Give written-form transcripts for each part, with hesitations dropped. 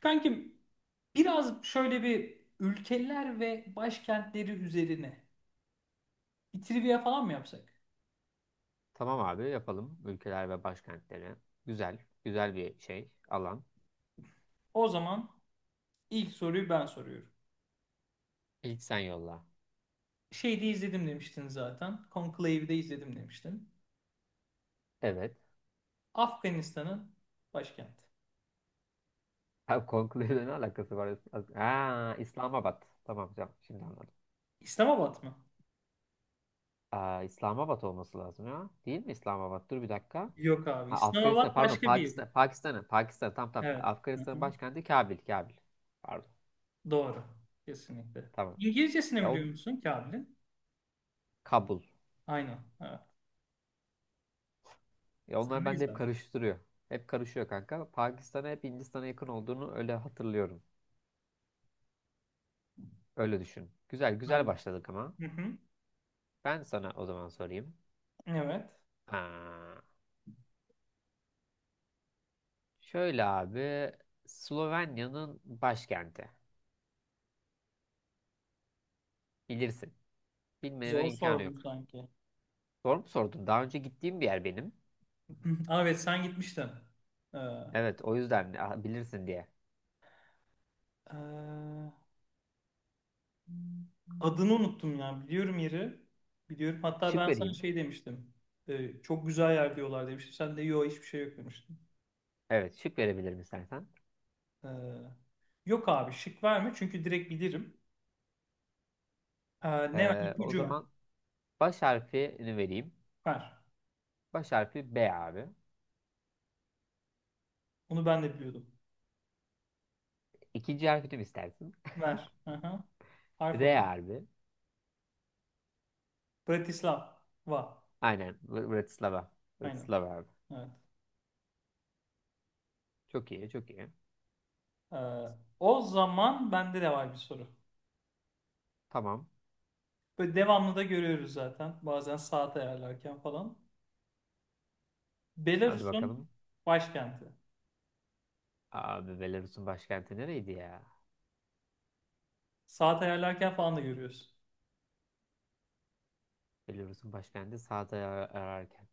Kankim biraz şöyle bir ülkeler ve başkentleri üzerine bir trivia falan mı yapsak? Tamam abi yapalım. Ülkeler ve başkentleri. Güzel. Güzel bir şey. Alan. O zaman ilk soruyu ben soruyorum. İlk sen yolla. Şeyde izledim demiştin zaten. Conclave'de izledim demiştin. Evet. Afganistan'ın başkenti. Abi Conclave'le ne alakası var? Ha, İslamabad. Tamam tamam. Şimdi anladım. İslamabad mı? Aa, İslamabad olması lazım ya. Değil mi İslamabad? Dur bir dakika. Yok abi. Ha, Afganistan İslamabad pardon başka bir yer. Pakistan, Pakistan'ın tam tam Evet. Hı Afganistan'ın hı. başkenti Kabil. Kabil. Pardon. Doğru. Kesinlikle. Tamam. İngilizcesini Ya biliyor o musun Kabil'in? Kabul. Aynen. Evet. Ya Sen onlar de bende hep izledin. karıştırıyor. Hep karışıyor kanka. Pakistan'a hep Hindistan'a yakın olduğunu öyle hatırlıyorum. Öyle düşün. Güzel güzel Anladım. başladık ama. Hı hı. Ben sana o zaman sorayım. Evet. Aa, şöyle abi. Slovenya'nın başkenti. Bilirsin. Bilmeme Zor imkanı sordum yok. sanki. Doğru mu sordun? Daha önce gittiğim bir yer benim. Hı hı. Aa, evet sen gitmiştin. Ee, Evet o yüzden bilirsin diye. ee, adını unuttum ya. Biliyorum yeri. Biliyorum. Hatta Şık ben sana vereyim. şey demiştim. Çok güzel yer diyorlar demiştim. Sen de yok hiçbir şey yok demiştin. Evet şık verebilirim istersen. Ee, yok abi şık verme çünkü direkt bilirim. Ee, ne ver? O İpucu ver. zaman baş harfini vereyim. Ver. Baş harfi B abi. Onu ben de biliyordum. İkinci harfini mi istersin? Ver. Aha. Harf R alayım. abi. Bratislava. Aynen. Bratislava. Aynen. Bratislava abi. Evet. Çok iyi çok iyi. Ee, o zaman bende de var bir soru. Tamam. Böyle devamlı da görüyoruz zaten. Bazen saat ayarlarken falan. Hadi Belarus'un bakalım. başkenti. Abi Belarus'un başkenti nereydi ya? Saat ayarlarken falan da görüyoruz. Belarus'un başkenti sağda ararken.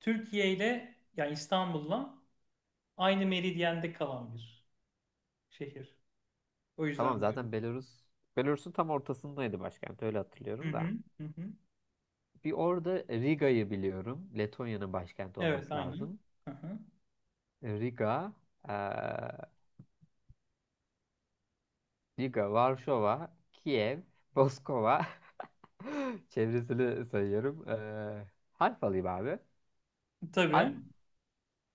Türkiye ile yani İstanbul'la aynı meridyende kalan bir şehir. O Tamam yüzden zaten görüyoruz. Belarus'un tam ortasındaydı başkent, öyle Hı hatırlıyorum da. hı, hı hı. Bir orada Riga'yı biliyorum. Letonya'nın başkenti Evet, olması aynen. lazım. Hı hı. Riga, eee, Riga, Varşova, Kiev, Moskova. Çevresini sayıyorum. Harf alayım abi. Har- Tabii.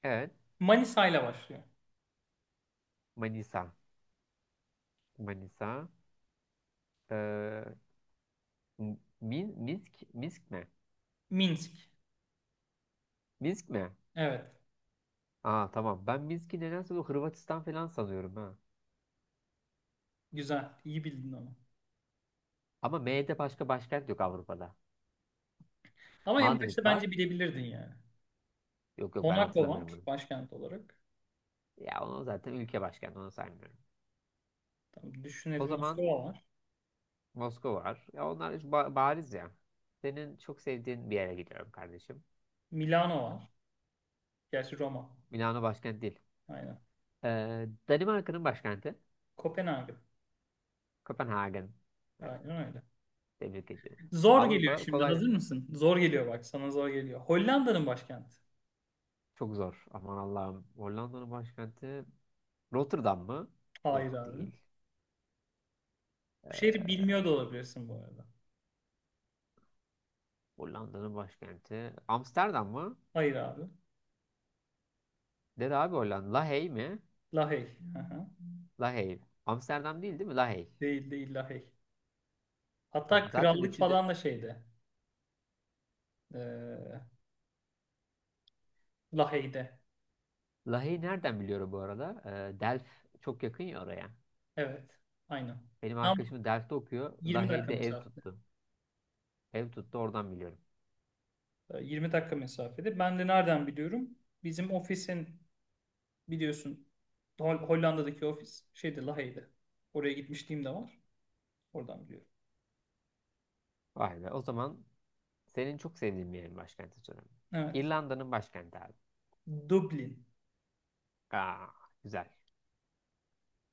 evet. Manisa ile başlıyor. Manisa. Manisa. Eee, Minsk mi? Minsk. Minsk mi? Evet. Aa tamam. Ben Minsk'i nedense bu Hırvatistan falan sanıyorum ha. Güzel. İyi bildin onu. Ama M'de başka başkent yok Avrupa'da. Ama en başta Madrid bence var. bilebilirdin yani. Yok yok ben Monaco hatırlamıyorum var bunu. başkent olarak. Ya onu zaten ülke başkenti, onu saymıyorum. Tamam, O düşünelim zaman Moskova var. Moskova var. Ya onlar hiç bariz ya. Senin çok sevdiğin bir yere gidiyorum kardeşim. Milano var. Gerçi Roma. Milano başkent değil. Aynen. Danimarka'nın başkenti Kopenhag. Kopenhagen. Evet, Aynen öyle. tebrik ediyorum. Zor geliyor Avrupa şimdi. kolay, Hazır mısın? Zor geliyor bak. Sana zor geliyor. Hollanda'nın başkenti. çok zor. Aman Allah'ım. Hollanda'nın başkenti Rotterdam mı? Hayır Yok, abi. değil. Bu şehri Ee, bilmiyor da olabilirsin bu arada. Hollanda'nın başkenti. Amsterdam mı? Hayır abi. Dedi abi Hollanda. Lahey mi? Lahey. Aha. Lahey. Amsterdam değil değil mi? Lahey. Değil değil Lahey. Hatta Tamam. Zaten krallık üçü de... falan da şeyde. Ee, Lahey'de. Lahey'i nereden biliyorum bu arada? Delft çok yakın ya oraya. Evet. Aynen. Benim Tam arkadaşım Delft'te okuyor. 20 dakika Lahey'de ev mesafede. tuttu. Ev tuttu, oradan biliyorum. 20 dakika mesafede. Ben de nereden biliyorum? Bizim ofisin biliyorsun Hollanda'daki ofis şeyde Lahey'de. Oraya gitmişliğim de var. Oradan biliyorum. Vay be. O zaman senin çok sevdiğin bir yerin başkenti sorayım. Evet. İrlanda'nın başkenti abi. Dublin. Aa, güzel.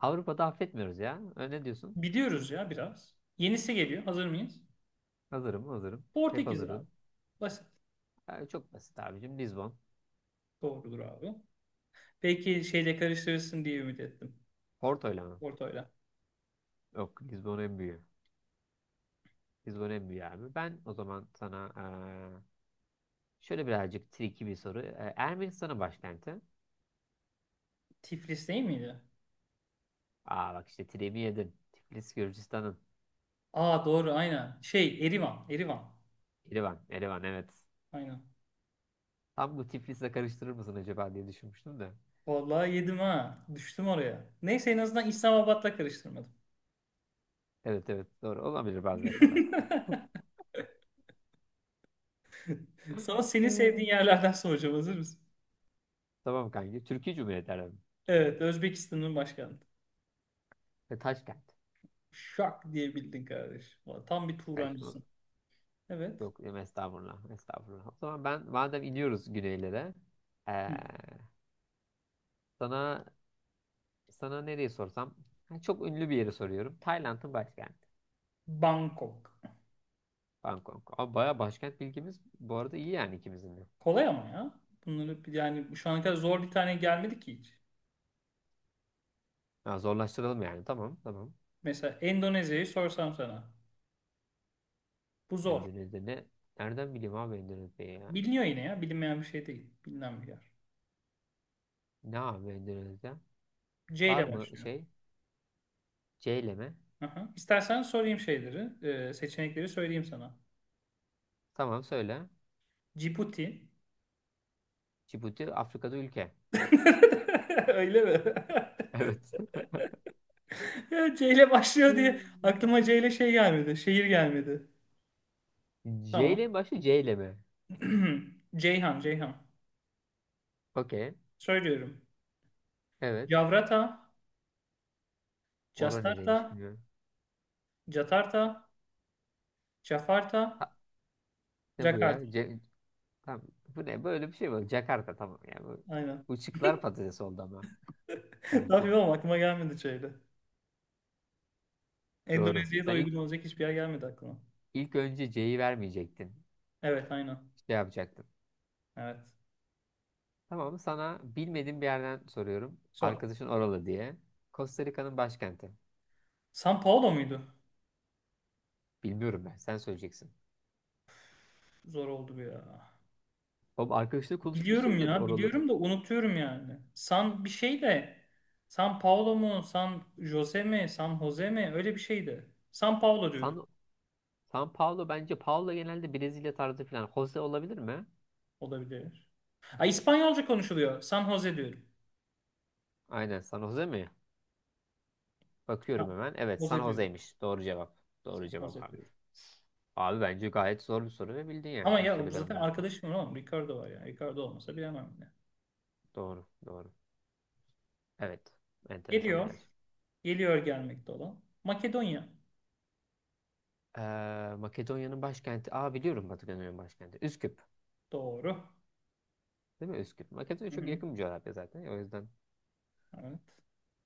Avrupa'da affetmiyoruz ya. Ne diyorsun? Biliyoruz ya biraz. Yenisi geliyor. Hazır mıyız? Hazırım, hazırım. Hep Portekiz abi. hazırım. Basit. Çok basit abicim. Lisbon. Doğrudur abi. Belki şeyle karıştırırsın diye ümit ettim. Porto'yla mı? Porto'yla. Yok, Lisbon en büyüğü. Lisbon en büyüğü abi. Ben o zaman sana şöyle birazcık tricky bir soru. Ermenistan'ın başkenti. Tiflis değil miydi? Aa bak işte Tiremi yedin. Tiflis Gürcistan'ın. Aa doğru aynen. Şey Erivan. Erivan. Erivan. Erivan evet. Aynen. Tam bu Tiflis'le karıştırır mısın acaba diye düşünmüştüm de. Vallahi yedim ha. Düştüm oraya. Neyse en azından İslamabad'la karıştırmadım. Evet evet doğru. Olabilir bazı hatalar. Sana senin sevdiğin Hmm. yerlerden soracağım. Hazır mısın? Tamam kanki. Türkiye Cumhuriyeti aradım. Evet. Özbekistan'ın başkenti. Ve Taşkent. Şak diye bildin kardeş. Vallahi tam bir Taş Turancısın. Evet. Yok estağfurullah. Estağfurullah. O zaman ben madem iniyoruz güneylere. Hı. eee, sana Sana nereyi sorsam? Ha, çok ünlü bir yeri soruyorum. Tayland'ın başkenti. Bangkok. Bangkok. Abi baya başkent bilgimiz bu arada iyi yani ikimizin de. Kolay ama ya. Bunları yani şu ana kadar zor bir tane gelmedi ki hiç. Ha, zorlaştıralım yani. Tamam tamam. Mesela Endonezya'yı sorsam sana. Bu zor. Endonezya ne? Nereden bileyim abi Endonezya'yı ya? Biliniyor yine ya. Bilinmeyen bir şey değil. Bilinen bir yer. Ne abi Endonezya? C Var ile mı başlıyor. şey? C ile mi? Aha. İstersen sorayım şeyleri. Seçenekleri söyleyeyim sana. Tamam söyle. Cibuti. Cibuti Afrika'da ülke. Öyle mi? Evet. Ya C ile başlıyor diye Hmm. aklıma C ile şey gelmedi. Şehir gelmedi. C Tamam. ile mi başlıyor? C ile mi? Ceyhan, Ceyhan. Okey. Söylüyorum. Evet. Javrata, Ora Jastarta, nereymiş bilmiyorum. Jatarta, Ha, Jafarta, ne bu ya? Jakarta. Tamam. Bu ne? Böyle bir şey mi? Jakarta, tamam yani. Bu, Aynen. bu şıklar patates oldu ama Ne kanki. yapayım ama aklıma gelmedi şeyde. Doğru. Endonezya'ya da Sen ilk, uygun olacak hiçbir yer gelmedi aklıma. ilk önce C'yi vermeyecektin. Evet aynen. Şey yapacaktın. Evet. Tamam sana bilmediğim bir yerden soruyorum. Sor. Arkadaşın oralı diye. Costa Rica'nın başkenti. São Paulo muydu? Bilmiyorum ben. Sen söyleyeceksin. Zor oldu bu ya. Oğlum arkadaşla Biliyorum konuşmuşsundur ya. oralı. Biliyorum da unutuyorum yani. San bir şey de San Paulo mu? San Jose mi? San Jose mi? Öyle bir şeydi. San Paulo diyorum. San, San Paulo bence. Paulo genelde Brezilya tarzı falan. Jose olabilir mi? Olabilir. Ha, İspanyolca konuşuluyor. San Jose diyorum. Aynen. San Jose mi? San Bakıyorum hemen. Evet, San Jose diyorum. Jose'ymiş. Doğru cevap. Doğru San cevap Jose abi. diyorum. Abi bence gayet zor bir soru ve bildin yani Ama Costa ya bu Rica'nın zaten başına. arkadaşım var oğlum. Ricardo var ya. Ricardo olmasa bilemem bile. Doğru, doğru. Evet, enteresan bir Geliyor. yer. Geliyor gelmekte olan. Makedonya. Makedonya'nın başkenti. Aa biliyorum, Makedonya'nın başkenti. Üsküp. Doğru. Değil mi Üsküp? Makedonya Hı çok hı. yakın bir coğrafya zaten. O yüzden. Evet.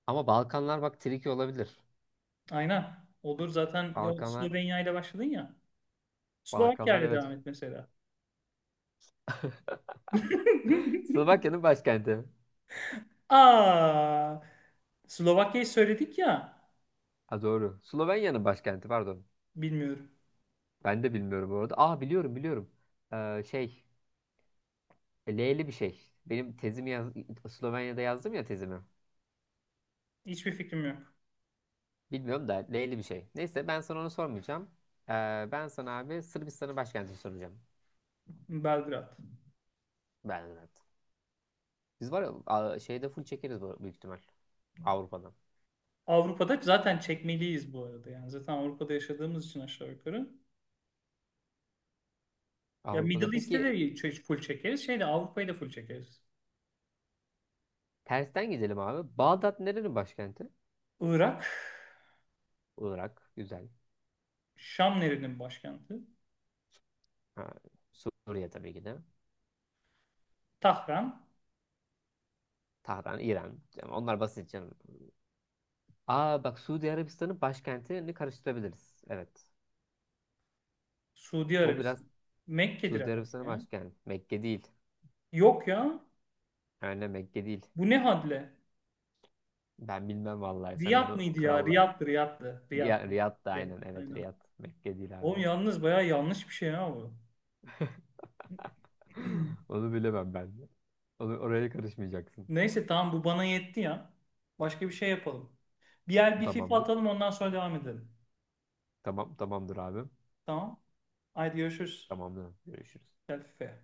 Ama Balkanlar bak tricky olabilir. Aynen. Olur zaten. Ya, Balkanlar. Slovenya ile başladın ya. Slovakya Balkanlar ile evet. devam et mesela. Slovakya'nın başkenti. Aa, Slovakya'yı söyledik ya. Ha doğru. Slovenya'nın başkenti pardon. Bilmiyorum. Ben de bilmiyorum bu arada. Aa biliyorum biliyorum. Ee, şey. L'li bir şey. Benim tezimi yaz Slovenya'da yazdım ya tezimi. Hiçbir fikrim yok. Bilmiyorum da L'li bir şey. Neyse ben sana onu sormayacağım. Ee, Ben sana abi Sırbistan'ın başkentini soracağım. Belgrad. Belgrad. Biz var ya şeyde full çekeriz büyük ihtimal. Avrupa'dan. Avrupa'da zaten çekmeliyiz bu arada. Yani zaten Avrupa'da yaşadığımız için aşağı yukarı. Ya Avrupa'da Middle East'te de peki full çekeriz. Şeyde Avrupa'yı da full çekeriz. tersten gidelim abi. Bağdat nerenin başkenti? Irak. Olarak Güzel. Şam nerenin başkenti? Ha, Suriye tabii ki de. Tahran. Tahran, İran. Yani onlar basit canım. Aa bak Suudi Arabistan'ın başkentini karıştırabiliriz. Evet. Suudi O biraz Arabistan. Mekke'dir Suudi herhalde Arabistan'ın ya. başkenti. Mekke değil. Yok ya. Aynen Mekke değil. Bu ne hadle? Ben bilmem vallahi. Sen Riyad onu mıydı ya? kralla. Riyad'dı, Riyad'dı. Riyad, Ya, Riyad da Riyad. aynen. Evet Aynen. Riyad. Mekke değil Oğlum abi. yalnız bayağı yanlış bir şey ya bu. Onu bilemem ben de. Onu, oraya karışmayacaksın. Neyse tamam bu bana yetti ya. Başka bir şey yapalım. Bir yer bir FIFA Tamamdır. atalım ondan sonra devam edelim. Tamam, tamamdır abi. Tamam. Haydi görüşürüz. Tamamdır. Görüşürüz. Gel FIFA'ya.